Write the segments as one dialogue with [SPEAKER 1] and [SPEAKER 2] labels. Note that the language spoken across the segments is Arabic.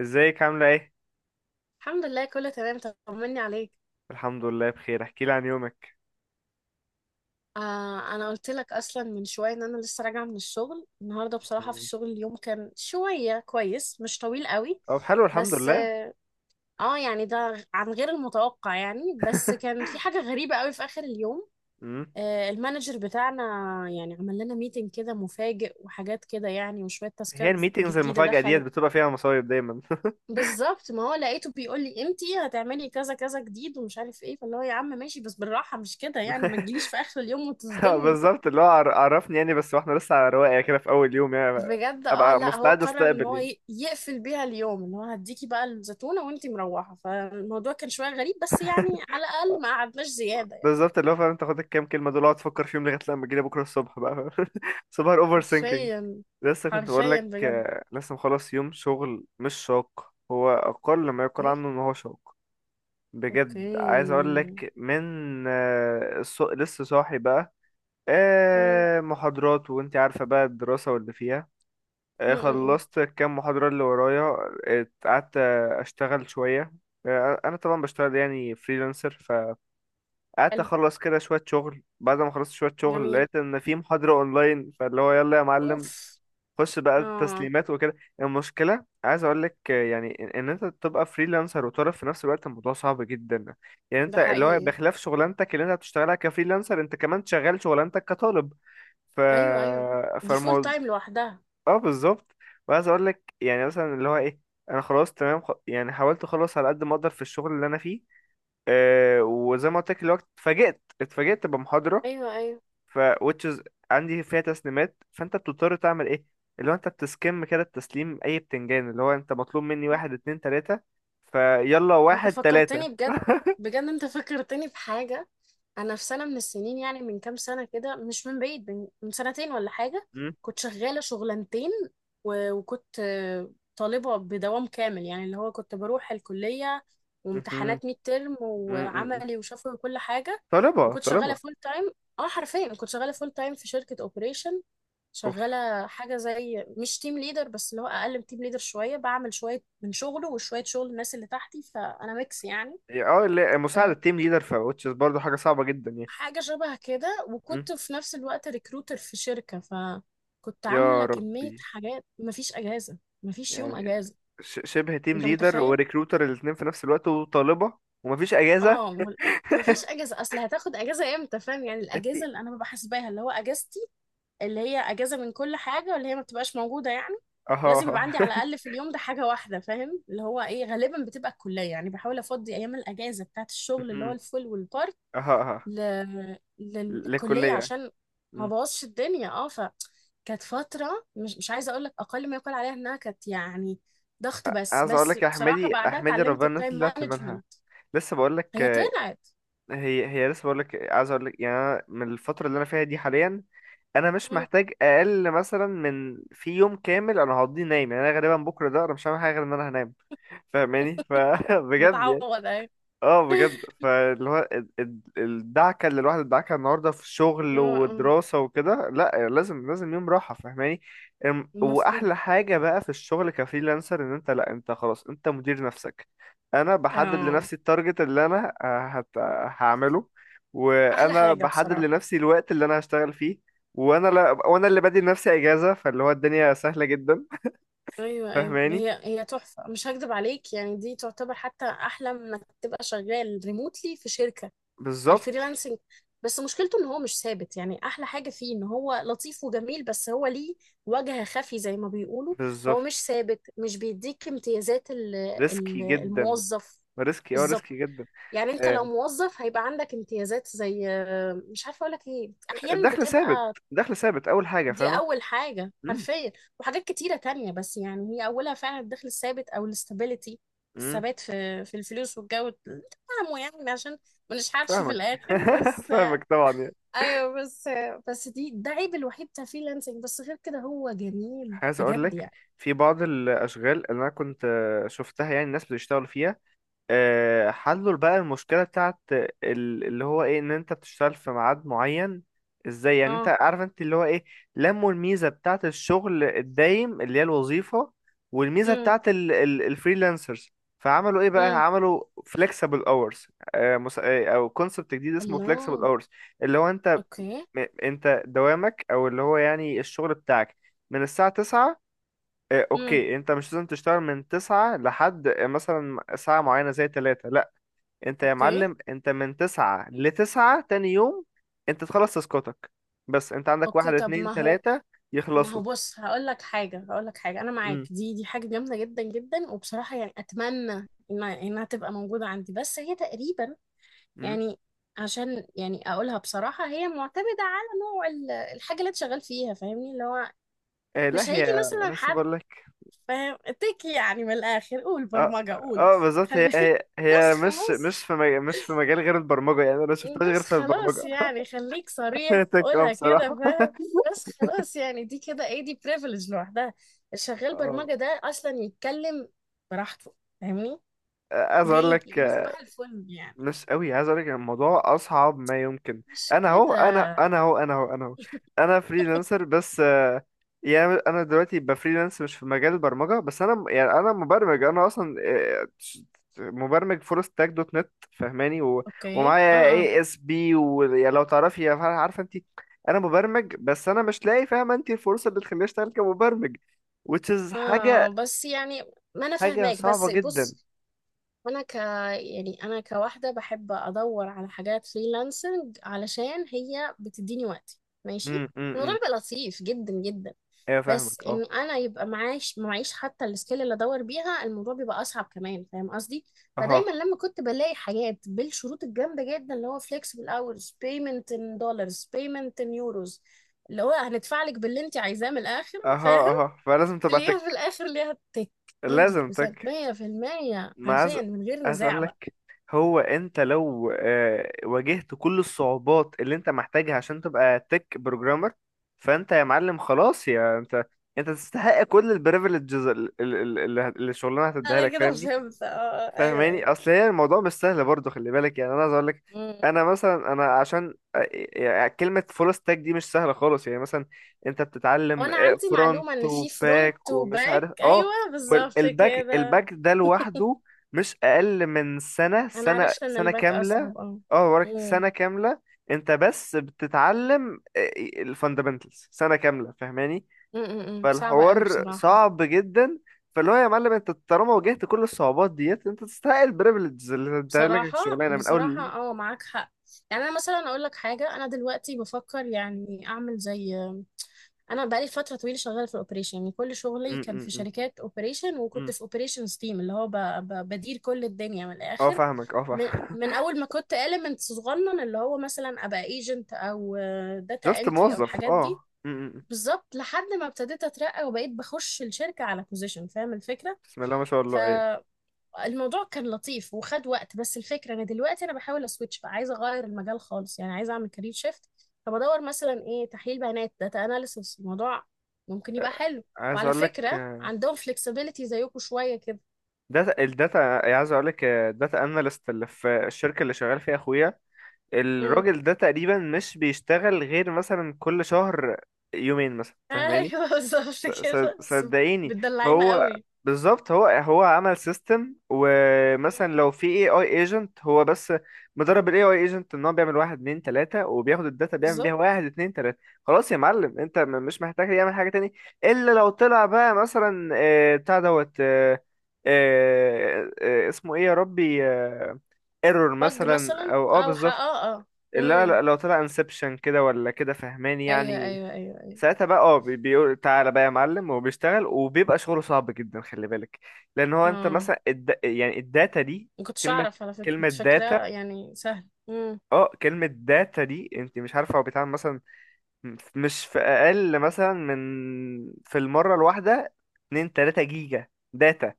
[SPEAKER 1] ازيك عاملة ايه؟
[SPEAKER 2] الحمد لله كله تمام. طمني عليك.
[SPEAKER 1] الحمد لله بخير، احكي لي عن يومك.
[SPEAKER 2] انا قلت لك اصلا من شويه ان انا لسه راجعه من الشغل النهارده. بصراحه في
[SPEAKER 1] مم.
[SPEAKER 2] الشغل اليوم كان شويه كويس، مش طويل قوي.
[SPEAKER 1] طب حلو، الحمد
[SPEAKER 2] بس
[SPEAKER 1] لله.
[SPEAKER 2] اه يعني ده عن غير المتوقع يعني، بس كان في حاجه غريبه قوي في اخر اليوم.
[SPEAKER 1] مم.
[SPEAKER 2] المانجر بتاعنا يعني عمل لنا ميتنج كده مفاجئ وحاجات كده يعني، وشويه
[SPEAKER 1] هي
[SPEAKER 2] تاسكات
[SPEAKER 1] الميتينجز
[SPEAKER 2] جديده
[SPEAKER 1] المفاجأة ديت
[SPEAKER 2] دخلت.
[SPEAKER 1] بتبقى فيها مصايب دايما.
[SPEAKER 2] بالظبط، ما هو لقيته بيقول لي امتى هتعملي كذا كذا جديد ومش عارف ايه، فاللي هو يا عم ماشي بس بالراحه، مش كده يعني، ما تجيليش في اخر اليوم وتصدمني
[SPEAKER 1] بالظبط، اللي هو عرفني يعني، بس واحنا لسه على رواقة كده في أول يوم يعني.
[SPEAKER 2] بجد. اه
[SPEAKER 1] أبقى
[SPEAKER 2] لا هو
[SPEAKER 1] مستعد
[SPEAKER 2] قرر ان
[SPEAKER 1] أستقبل
[SPEAKER 2] هو
[SPEAKER 1] يعني.
[SPEAKER 2] يقفل بيها اليوم، ان هو هديكي بقى الزيتونه وانتي مروحه، فالموضوع كان شويه غريب بس يعني على
[SPEAKER 1] آه.
[SPEAKER 2] الاقل ما قعدناش زياده يعني.
[SPEAKER 1] بالظبط، اللي هو فاهم تاخد الكام كلمة دول اقعد تفكر فيهم لغاية لما تجيلي بكرة الصبح بقى، فاهم؟ صباح الأوفر سينكينج.
[SPEAKER 2] حرفيا
[SPEAKER 1] لسه كنت بقول
[SPEAKER 2] حرفيا
[SPEAKER 1] لك
[SPEAKER 2] بجد.
[SPEAKER 1] لسه مخلص يوم شغل مش شاق، هو أقل ما يقال
[SPEAKER 2] ايه.
[SPEAKER 1] عنه إن هو شاق. بجد عايز
[SPEAKER 2] اوكي.
[SPEAKER 1] اقول لك من لسه صاحي بقى.
[SPEAKER 2] مم.
[SPEAKER 1] محاضرات، وانت عارفة بقى الدراسة واللي فيها.
[SPEAKER 2] مم. مم.
[SPEAKER 1] خلصت كام محاضرة اللي ورايا. آه، قعدت آه، اشتغل شوية. انا طبعا بشتغل يعني فريلانسر. فقعدت
[SPEAKER 2] حلو.
[SPEAKER 1] اخلص كده شوية شغل، بعد ما خلصت شوية شغل
[SPEAKER 2] جميل.
[SPEAKER 1] لقيت ان في محاضرة اونلاين، فاللي هو يلا يا معلم.
[SPEAKER 2] اوف.
[SPEAKER 1] خش بقى
[SPEAKER 2] اه،
[SPEAKER 1] التسليمات وكده. المشكله عايز اقول لك يعني إن انت تبقى فريلانسر وتعرف في نفس الوقت، الموضوع صعب جدا. يعني انت
[SPEAKER 2] ده
[SPEAKER 1] اللي هو
[SPEAKER 2] حقيقي.
[SPEAKER 1] بخلاف شغلانتك اللي انت بتشتغلها كفريلانسر، انت كمان شغال شغلانتك كطالب. ف
[SPEAKER 2] ايوه، ايوه، دي فول
[SPEAKER 1] فالموضوع
[SPEAKER 2] تايم لوحدها.
[SPEAKER 1] اه بالظبط. وعايز اقول لك يعني مثلا اللي هو ايه، انا خلاص تمام يعني حاولت اخلص على قد ما اقدر في الشغل اللي انا فيه. أه وزي ما قلت لك الوقت اتفاجئت بمحاضره.
[SPEAKER 2] ايوه ايوه،
[SPEAKER 1] ف which is عندي فيها تسليمات، فانت بتضطر تعمل ايه؟ اللي هو انت بتسكم كده التسليم اي بتنجان، اللي هو انت مطلوب مني واحد اتنين تلاتة. فيلا
[SPEAKER 2] انت
[SPEAKER 1] واحد تلاتة.
[SPEAKER 2] فكرتني بجد، بجد انت فكرتني بحاجه. انا في سنه من السنين، يعني من كام سنه كده مش من بعيد، من سنتين ولا حاجه،
[SPEAKER 1] م?
[SPEAKER 2] كنت شغاله شغلانتين. و- وكنت طالبه بدوام كامل، يعني اللي هو كنت بروح الكليه
[SPEAKER 1] مهم.
[SPEAKER 2] وامتحانات ميد ترم
[SPEAKER 1] م- م- م.
[SPEAKER 2] وعملي وشفوي وكل حاجه،
[SPEAKER 1] طلبة
[SPEAKER 2] وكنت شغاله
[SPEAKER 1] طلبة.
[SPEAKER 2] فول تايم. اه حرفيا كنت شغاله فول تايم في شركه اوبريشن،
[SPEAKER 1] اوف.
[SPEAKER 2] شغالة حاجة زي مش تيم ليدر بس اللي هو أقل من تيم ليدر شوية، بعمل شوية من شغله وشوية شغل الناس اللي تحتي، فأنا ميكس يعني.
[SPEAKER 1] لا، مساعدة
[SPEAKER 2] أه،
[SPEAKER 1] تيم ليدر ف which is برضه حاجة صعبة جدا يعني.
[SPEAKER 2] حاجة شبه كده،
[SPEAKER 1] م?
[SPEAKER 2] وكنت في نفس الوقت ريكروتر في شركة، فكنت عاملة
[SPEAKER 1] يا
[SPEAKER 2] كمية
[SPEAKER 1] ربي.
[SPEAKER 2] حاجات، مفيش أجازة، مفيش يوم
[SPEAKER 1] يعني
[SPEAKER 2] أجازة.
[SPEAKER 1] شبه تيم
[SPEAKER 2] أنت
[SPEAKER 1] ليدر
[SPEAKER 2] متخيل؟
[SPEAKER 1] وريكروتر الاتنين في نفس الوقت وطالبة ومفيش اجازة.
[SPEAKER 2] اه وال- مفيش أجازة، أصل هتاخد أجازة إمتى؟ فاهم يعني
[SPEAKER 1] انت.
[SPEAKER 2] الأجازة اللي أنا ببقى حاسباها اللي هو أجازتي، اللي هي اجازه من كل حاجه، واللي هي ما بتبقاش موجوده يعني.
[SPEAKER 1] اها
[SPEAKER 2] لازم يبقى
[SPEAKER 1] اها.
[SPEAKER 2] عندي على الاقل في اليوم ده حاجه واحده، فاهم اللي هو ايه؟ غالبا بتبقى الكليه، يعني بحاول افضي ايام الاجازه بتاعت الشغل اللي هو
[SPEAKER 1] مهم.
[SPEAKER 2] الفول والبارت
[SPEAKER 1] اها اها
[SPEAKER 2] للكليه
[SPEAKER 1] للكلية.
[SPEAKER 2] عشان ما بوظش الدنيا. اه ف كانت فتره مش عايزه اقول لك، اقل ما يقال عليها انها كانت يعني ضغط، بس
[SPEAKER 1] عايز اقول
[SPEAKER 2] بس
[SPEAKER 1] لك يا
[SPEAKER 2] بصراحه
[SPEAKER 1] احمدي
[SPEAKER 2] بعدها
[SPEAKER 1] احمدي
[SPEAKER 2] اتعلمت
[SPEAKER 1] ربنا الناس
[SPEAKER 2] التايم
[SPEAKER 1] اللي طلعت منها.
[SPEAKER 2] مانجمنت.
[SPEAKER 1] لسه بقول لك
[SPEAKER 2] هي
[SPEAKER 1] آه،
[SPEAKER 2] طلعت.
[SPEAKER 1] هي هي لسه بقول لك عايز اقول لك يعني، أنا من الفتره اللي انا فيها دي حاليا، انا مش
[SPEAKER 2] مم.
[SPEAKER 1] محتاج اقل مثلا من في يوم كامل انا هقضيه نايم. يعني انا غالبا بكره ده انا مش هعمل حاجه غير ان انا هنام، فاهماني؟ فبجد.
[SPEAKER 2] بتعوض اهي.
[SPEAKER 1] اه بجد، فاللي هو الدعكه اللي الواحد ادعكها النهارده في شغل
[SPEAKER 2] اه. اه.
[SPEAKER 1] ودراسه وكده، لا لازم يوم راحه، فاهماني؟
[SPEAKER 2] مفهوم.
[SPEAKER 1] واحلى حاجه بقى في الشغل كفريلانسر ان انت لا انت خلاص انت مدير نفسك. انا بحدد
[SPEAKER 2] اه.
[SPEAKER 1] لنفسي التارجت اللي انا هعمله.
[SPEAKER 2] احلى
[SPEAKER 1] وانا
[SPEAKER 2] حاجه
[SPEAKER 1] بحدد
[SPEAKER 2] بصراحه.
[SPEAKER 1] لنفسي الوقت اللي انا هشتغل فيه. وانا لا وانا اللي بدي لنفسي اجازه، فاللي هو الدنيا سهله جدا،
[SPEAKER 2] ايوه ايوه
[SPEAKER 1] فاهماني؟
[SPEAKER 2] هي هي تحفه، مش هكدب عليك يعني، دي تعتبر حتى احلى من انك تبقى شغال ريموتلي في شركه،
[SPEAKER 1] بالظبط.
[SPEAKER 2] الفريلانسنج. بس مشكلته ان هو مش ثابت يعني، احلى حاجه فيه ان هو لطيف وجميل، بس هو ليه وجه خفي زي ما بيقولوا. فهو
[SPEAKER 1] بالظبط.
[SPEAKER 2] مش ثابت، مش بيديك امتيازات
[SPEAKER 1] ريسكي جدا.
[SPEAKER 2] الموظف.
[SPEAKER 1] ريسكي، اه
[SPEAKER 2] بالظبط.
[SPEAKER 1] ريسكي جدا.
[SPEAKER 2] يعني انت لو
[SPEAKER 1] آه،
[SPEAKER 2] موظف هيبقى عندك امتيازات زي، مش عارفه اقول لك ايه، احيانا
[SPEAKER 1] الدخل ثابت.
[SPEAKER 2] بتبقى.
[SPEAKER 1] دخل ثابت اول حاجه،
[SPEAKER 2] دي
[SPEAKER 1] فاهمه؟
[SPEAKER 2] أول حاجة
[SPEAKER 1] امم.
[SPEAKER 2] حرفيا، وحاجات كتيرة تانية، بس يعني هي أولها فعلا الدخل الثابت أو الاستابيليتي،
[SPEAKER 1] امم.
[SPEAKER 2] الثبات في في الفلوس والجو تفهموا يعني، عشان ما نشحتش في
[SPEAKER 1] فاهمك.
[SPEAKER 2] الآخر. بس
[SPEAKER 1] فاهمك طبعا يعني.
[SPEAKER 2] أيوه بس، دي عيب الوحيد بتاع فريلانسنج، بس غير كده هو جميل
[SPEAKER 1] عايز اقول
[SPEAKER 2] بجد
[SPEAKER 1] لك
[SPEAKER 2] يعني.
[SPEAKER 1] في بعض الاشغال اللي انا كنت شفتها يعني الناس بتشتغل فيها. حلوا بقى المشكلة بتاعت اللي هو ايه، ان انت بتشتغل في ميعاد معين. ازاي يعني، انت
[SPEAKER 2] اه.
[SPEAKER 1] عارف انت اللي هو ايه، لموا الميزة بتاعت الشغل الدايم اللي هي الوظيفة والميزة
[SPEAKER 2] امم.
[SPEAKER 1] بتاعت الفريلانسرز، فعملوا ايه
[SPEAKER 2] امم.
[SPEAKER 1] بقى؟ عملوا flexible hours. او كونسبت جديد اسمه flexible
[SPEAKER 2] الله.
[SPEAKER 1] hours. اللي هو انت
[SPEAKER 2] اوكي.
[SPEAKER 1] انت دوامك او اللي هو يعني الشغل بتاعك من الساعة 9.
[SPEAKER 2] امم.
[SPEAKER 1] اوكي انت مش لازم تشتغل من 9 لحد مثلا ساعة معينة زي 3. انت يا
[SPEAKER 2] اوكي.
[SPEAKER 1] معلم انت من تسعة لتسعة تاني يوم. انت تخلص تاسكاتك، بس انت عندك
[SPEAKER 2] اوكي
[SPEAKER 1] واحد
[SPEAKER 2] طب
[SPEAKER 1] اتنين
[SPEAKER 2] ما هو،
[SPEAKER 1] تلاتة
[SPEAKER 2] ما
[SPEAKER 1] يخلصوا.
[SPEAKER 2] هو بص هقول لك حاجه، هقول لك حاجه، انا معاك،
[SPEAKER 1] امم.
[SPEAKER 2] دي حاجه جامده جدا جدا، وبصراحه يعني اتمنى انها تبقى موجوده عندي، بس هي تقريبا
[SPEAKER 1] امم.
[SPEAKER 2] يعني، عشان يعني اقولها بصراحه، هي معتمده على نوع الحاجه اللي انت شغال فيها، فاهمني اللي هو
[SPEAKER 1] لا،
[SPEAKER 2] مش هيجي
[SPEAKER 1] هي
[SPEAKER 2] مثلا
[SPEAKER 1] لسه
[SPEAKER 2] حد
[SPEAKER 1] بقول لك.
[SPEAKER 2] فاهم تك، يعني من الاخر قول برمجه قول.
[SPEAKER 1] بالظبط، هي
[SPEAKER 2] خلي.
[SPEAKER 1] هي
[SPEAKER 2] بس
[SPEAKER 1] هي مش
[SPEAKER 2] خلاص.
[SPEAKER 1] مش في مج... مش في مجال غير البرمجة يعني، انا ما شفتهاش غير
[SPEAKER 2] بس
[SPEAKER 1] في
[SPEAKER 2] خلاص
[SPEAKER 1] البرمجة.
[SPEAKER 2] يعني، خليك صريح
[SPEAKER 1] تك اه
[SPEAKER 2] قولها كده
[SPEAKER 1] بصراحة.
[SPEAKER 2] فاهم. بس خلاص يعني دي كده ايه، دي بريفليج لوحدها، الشغال
[SPEAKER 1] اه
[SPEAKER 2] برمجة ده اصلا يتكلم براحته، فاهمني
[SPEAKER 1] عايز اقول
[SPEAKER 2] ليه؟
[SPEAKER 1] لك
[SPEAKER 2] لانه صباح الفل يعني،
[SPEAKER 1] ناس قوي. عايز اقول لك الموضوع اصعب ما يمكن.
[SPEAKER 2] مش
[SPEAKER 1] انا اهو
[SPEAKER 2] كده؟
[SPEAKER 1] انا انا اهو انا اهو انا اهو انا فريلانسر، بس يعني انا دلوقتي بفريلانس مش في مجال البرمجه، بس يعني انا مبرمج، انا اصلا مبرمج فول ستاك دوت نت، فاهماني؟
[SPEAKER 2] اوكي. اه.
[SPEAKER 1] ومعايا
[SPEAKER 2] اه.
[SPEAKER 1] اي اس بي، ولو تعرفي يا فرح، عارفه انت انا مبرمج، بس انا مش لاقي، فاهمه انت، الفرصه اللي تخليني اشتغل كمبرمج، which is
[SPEAKER 2] اه بس يعني، ما انا
[SPEAKER 1] حاجه
[SPEAKER 2] فاهماك،
[SPEAKER 1] صعبه
[SPEAKER 2] بس
[SPEAKER 1] جدا.
[SPEAKER 2] بص، انا ك يعني انا كواحده بحب ادور على حاجات فريلانسنج، علشان هي بتديني وقتي ماشي،
[SPEAKER 1] امم. امم.
[SPEAKER 2] الموضوع بيبقى لطيف جدا جدا.
[SPEAKER 1] ايوه
[SPEAKER 2] بس
[SPEAKER 1] فاهمك اه.
[SPEAKER 2] ان انا يبقى معاش معيش حتى السكيل اللي ادور بيها، الموضوع بيبقى اصعب كمان، فاهم قصدي؟
[SPEAKER 1] اهو.
[SPEAKER 2] فدايما لما كنت بلاقي حاجات بالشروط الجامده جدا، اللي هو flexible hours، payment in dollars، payment in euros، اللي هو هندفع لك باللي انت عايزاه من الاخر،
[SPEAKER 1] اها اها، فلازم تبقى
[SPEAKER 2] تلاقيها في
[SPEAKER 1] تك.
[SPEAKER 2] الاخر ليها تك.
[SPEAKER 1] لازم
[SPEAKER 2] 100%
[SPEAKER 1] تك.
[SPEAKER 2] 100%
[SPEAKER 1] ما عايز
[SPEAKER 2] حرفيا من غير
[SPEAKER 1] عايز
[SPEAKER 2] نزاع
[SPEAKER 1] اقول
[SPEAKER 2] بقى.
[SPEAKER 1] لك، هو انت لو واجهت كل الصعوبات اللي انت محتاجها عشان تبقى تك بروجرامر، فانت يا معلم خلاص، يا انت انت تستحق كل البريفليجز اللي الشغلانه هتديها
[SPEAKER 2] انا
[SPEAKER 1] لك،
[SPEAKER 2] كده
[SPEAKER 1] فاهمني؟
[SPEAKER 2] فهمت اه، ايوه
[SPEAKER 1] فاهماني،
[SPEAKER 2] ايوه.
[SPEAKER 1] اصل هي الموضوع مش سهل برضه، خلي بالك يعني. انا عايز اقول لك،
[SPEAKER 2] مم.
[SPEAKER 1] انا مثلا عشان يعني كلمه فول ستاك دي مش سهله خالص، يعني مثلا انت بتتعلم
[SPEAKER 2] وانا عندي
[SPEAKER 1] فرونت
[SPEAKER 2] معلومة ان في
[SPEAKER 1] وباك
[SPEAKER 2] فرونت
[SPEAKER 1] ومش
[SPEAKER 2] وباك،
[SPEAKER 1] عارف
[SPEAKER 2] ايوه
[SPEAKER 1] اه.
[SPEAKER 2] بالظبط
[SPEAKER 1] والباك،
[SPEAKER 2] كده.
[SPEAKER 1] ده لوحده مش اقل من
[SPEAKER 2] انا عرفت ان
[SPEAKER 1] سنه
[SPEAKER 2] الباك
[SPEAKER 1] كامله.
[SPEAKER 2] اصعب، اه.
[SPEAKER 1] اه وراك
[SPEAKER 2] مم.
[SPEAKER 1] سنه كامله انت بس بتتعلم الفاندامنتالز، سنه كامله، فاهماني؟
[SPEAKER 2] مم، مم، مم. صعبة قوي
[SPEAKER 1] فالحوار
[SPEAKER 2] بصراحة.
[SPEAKER 1] صعب جدا، فاللي هو يا معلم انت طالما واجهت كل الصعوبات ديت، انت تستحق البريفليجز اللي انت لك
[SPEAKER 2] بصراحة
[SPEAKER 1] الشغلانه من
[SPEAKER 2] بصراحة
[SPEAKER 1] اول.
[SPEAKER 2] اه معاك حق. يعني انا مثلا اقول لك حاجة، انا دلوقتي بفكر يعني اعمل زي، انا بقالي فترة طويلة شغالة في الاوبريشن، يعني كل شغلي
[SPEAKER 1] م-
[SPEAKER 2] كان
[SPEAKER 1] م-
[SPEAKER 2] في
[SPEAKER 1] م-
[SPEAKER 2] شركات اوبريشن،
[SPEAKER 1] م.
[SPEAKER 2] وكنت في اوبريشن تيم اللي هو بدير كل الدنيا من
[SPEAKER 1] اه
[SPEAKER 2] الاخر،
[SPEAKER 1] فاهمك اه
[SPEAKER 2] من,
[SPEAKER 1] فاهم.
[SPEAKER 2] من اول ما كنت element صغنن، اللي هو مثلا ابقى ايجنت او داتا
[SPEAKER 1] جاست
[SPEAKER 2] انتري او
[SPEAKER 1] موظف
[SPEAKER 2] الحاجات دي،
[SPEAKER 1] اه. م- م- م.
[SPEAKER 2] بالظبط، لحد ما ابتديت اترقى وبقيت بخش الشركة على بوزيشن، فاهم الفكرة؟
[SPEAKER 1] بسم الله ما شاء
[SPEAKER 2] ف
[SPEAKER 1] الله، ايوه.
[SPEAKER 2] الموضوع كان لطيف وخد وقت، بس الفكرة انا دلوقتي انا بحاول اسويتش بقى، عايزة اغير المجال خالص يعني، عايزة اعمل كارير شيفت. فبدور مثلا ايه، تحليل بيانات، داتا اناليسس، الموضوع ممكن يبقى حلو.
[SPEAKER 1] عايز
[SPEAKER 2] وعلى
[SPEAKER 1] اقول لك
[SPEAKER 2] فكرة عندهم فلكسبيليتي زيكم شوية كده.
[SPEAKER 1] الداتا. عايز اقول لك الداتا اناليست اللي في الشركه اللي شغال فيها اخويا،
[SPEAKER 2] امم.
[SPEAKER 1] الراجل ده تقريبا مش بيشتغل غير مثلا كل شهر يومين مثلا، فاهماني؟
[SPEAKER 2] ايوه بالظبط كده. بس
[SPEAKER 1] صدقيني
[SPEAKER 2] بتدلعينا
[SPEAKER 1] هو
[SPEAKER 2] قوي.
[SPEAKER 1] بالظبط، هو عمل سيستم.
[SPEAKER 2] مم.
[SPEAKER 1] ومثلا لو في اي ايجنت، هو بس مدرب الاي اي ايجنت ان هو بيعمل واحد اتنين تلاتة وبياخد الداتا بيعمل بيها
[SPEAKER 2] بالظبط.
[SPEAKER 1] واحد اتنين تلاتة. خلاص يا معلم انت مش محتاج يعمل حاجة تاني، الا لو طلع بقى مثلا آه، بتاع دوت آه، آه، آه، اسمه ايه يا ربي، ايرور
[SPEAKER 2] بج
[SPEAKER 1] مثلا
[SPEAKER 2] مثلا
[SPEAKER 1] او اه بالظبط.
[SPEAKER 2] اه.
[SPEAKER 1] لا
[SPEAKER 2] امم.
[SPEAKER 1] لا لو طلع انسبشن كده ولا كده، فهماني
[SPEAKER 2] ايوه
[SPEAKER 1] يعني؟
[SPEAKER 2] ايوه ايوه ايوه.
[SPEAKER 1] ساعتها بقى اه بيقول تعالى بقى يا معلم، وبيشتغل، وبيبقى شغله صعب جدا، خلي بالك. لان هو انت
[SPEAKER 2] اه
[SPEAKER 1] مثلا يعني الداتا دي،
[SPEAKER 2] ما كنتش
[SPEAKER 1] كلمة
[SPEAKER 2] اعرف على فكرة،
[SPEAKER 1] كلمة
[SPEAKER 2] كنت فاكرة
[SPEAKER 1] داتا،
[SPEAKER 2] يعني سهل.
[SPEAKER 1] اه كلمة داتا دي انت مش عارفة هو بيتعمل مثلا مش في اقل مثلا من في المرة الواحدة 2 3 جيجا داتا.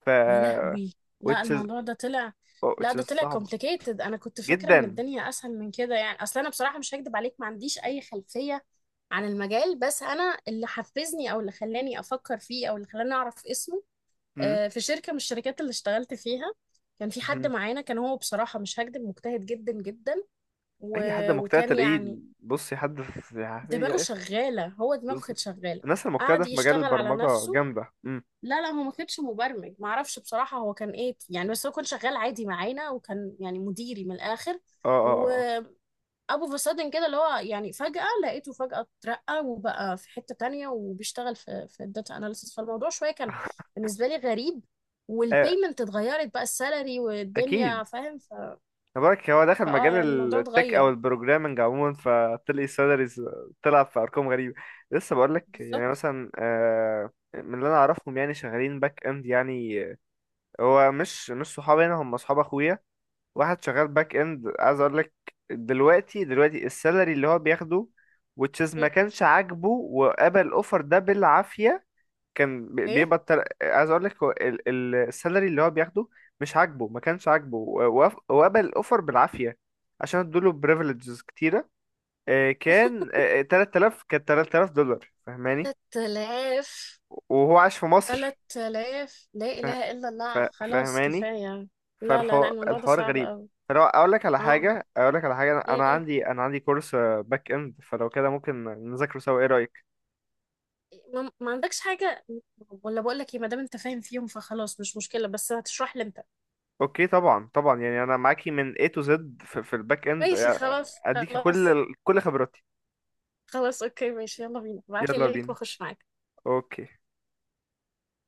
[SPEAKER 1] ف
[SPEAKER 2] يا لهوي، لا
[SPEAKER 1] which is
[SPEAKER 2] الموضوع ده طلع،
[SPEAKER 1] oh,
[SPEAKER 2] لا
[SPEAKER 1] which
[SPEAKER 2] ده
[SPEAKER 1] is
[SPEAKER 2] طلع
[SPEAKER 1] صعب
[SPEAKER 2] complicated. انا كنت فاكره ان
[SPEAKER 1] جدا.
[SPEAKER 2] الدنيا اسهل من كده يعني، اصل انا بصراحه مش هكدب عليك ما عنديش اي خلفيه عن المجال. بس انا اللي حفزني، او اللي خلاني افكر فيه، او اللي خلاني اعرف اسمه،
[SPEAKER 1] مم.
[SPEAKER 2] في شركه من الشركات اللي اشتغلت فيها كان في حد
[SPEAKER 1] مم.
[SPEAKER 2] معانا، كان هو بصراحه مش هكدب مجتهد جدا جدا،
[SPEAKER 1] اي حد
[SPEAKER 2] و-
[SPEAKER 1] مجتهد
[SPEAKER 2] وكان
[SPEAKER 1] تلاقيه.
[SPEAKER 2] يعني
[SPEAKER 1] بصي حد في
[SPEAKER 2] دماغه شغاله، هو دماغه
[SPEAKER 1] بص،
[SPEAKER 2] كانت شغاله،
[SPEAKER 1] الناس المجتهدة
[SPEAKER 2] قعد
[SPEAKER 1] في مجال
[SPEAKER 2] يشتغل على
[SPEAKER 1] البرمجة
[SPEAKER 2] نفسه.
[SPEAKER 1] جامدة.
[SPEAKER 2] لا لا هو ما كانش مبرمج، ما اعرفش بصراحة هو كان ايه يعني، بس هو كان شغال عادي معانا وكان يعني مديري من الاخر،
[SPEAKER 1] اه اه اه
[SPEAKER 2] وابو فساد كده، اللي هو يعني فجأة لقيته فجأة اترقى وبقى في حتة تانية وبيشتغل في في الداتا اناليسيس، فالموضوع شوية كان بالنسبة لي غريب،
[SPEAKER 1] آه، آه،
[SPEAKER 2] والبيمنت اتغيرت بقى، السالري
[SPEAKER 1] اكيد.
[SPEAKER 2] والدنيا فاهم. ف...
[SPEAKER 1] تبارك هو دخل
[SPEAKER 2] فاه
[SPEAKER 1] مجال
[SPEAKER 2] يعني الموضوع
[SPEAKER 1] التك او
[SPEAKER 2] اتغير.
[SPEAKER 1] البروجرامنج عموما، فطلع سالاريز، طلع في ارقام غريبه. لسه بقول لك يعني
[SPEAKER 2] بالظبط.
[SPEAKER 1] مثلا من اللي انا اعرفهم يعني شغالين باك اند يعني هو مش صحابي هنا، هم اصحاب اخويا. واحد شغال باك اند، عايز اقول لك دلوقتي السالري اللي هو بياخده وتشيز، ما كانش عاجبه وقبل الاوفر ده بالعافيه. كان
[SPEAKER 2] ايه.
[SPEAKER 1] عايز اقول لك هو السالري اللي هو بياخده مش عاجبه، ما كانش عاجبه وقبل الاوفر بالعافيه، عشان ادوله بريفليجز كتيره. كان 3000 دولار فاهماني.
[SPEAKER 2] 3000.
[SPEAKER 1] وهو عاش في
[SPEAKER 2] ثلاث
[SPEAKER 1] مصر.
[SPEAKER 2] آلاف. لا
[SPEAKER 1] ف...
[SPEAKER 2] إله إلا
[SPEAKER 1] ف...
[SPEAKER 2] الله خلاص
[SPEAKER 1] فاهماني؟
[SPEAKER 2] كفاية. لا لا لا الموضوع ده
[SPEAKER 1] فالحوار
[SPEAKER 2] صعب
[SPEAKER 1] غريب.
[SPEAKER 2] أوي.
[SPEAKER 1] فلو اقول لك على
[SPEAKER 2] اه.
[SPEAKER 1] حاجه، اقول لك على حاجه، انا أنا
[SPEAKER 2] م-م.
[SPEAKER 1] عندي انا عندي كورس باك اند، فلو كده ممكن نذاكره سوا، ايه رايك؟
[SPEAKER 2] ما ما عندكش حاجة، ولا بقول لك ايه، ما دام انت فاهم فيهم فخلاص مش مشكلة، بس هتشرح لي انت.
[SPEAKER 1] اوكي طبعا طبعا، يعني انا معاكي من A to Z في الباك اند،
[SPEAKER 2] ماشي خلاص
[SPEAKER 1] اديكي
[SPEAKER 2] خلاص.
[SPEAKER 1] كل خبراتي.
[SPEAKER 2] خلاص اوكي ماشي، يلا بينا، ابعت لي
[SPEAKER 1] يلا
[SPEAKER 2] لينك
[SPEAKER 1] بينا.
[SPEAKER 2] واخش معاك.
[SPEAKER 1] اوكي.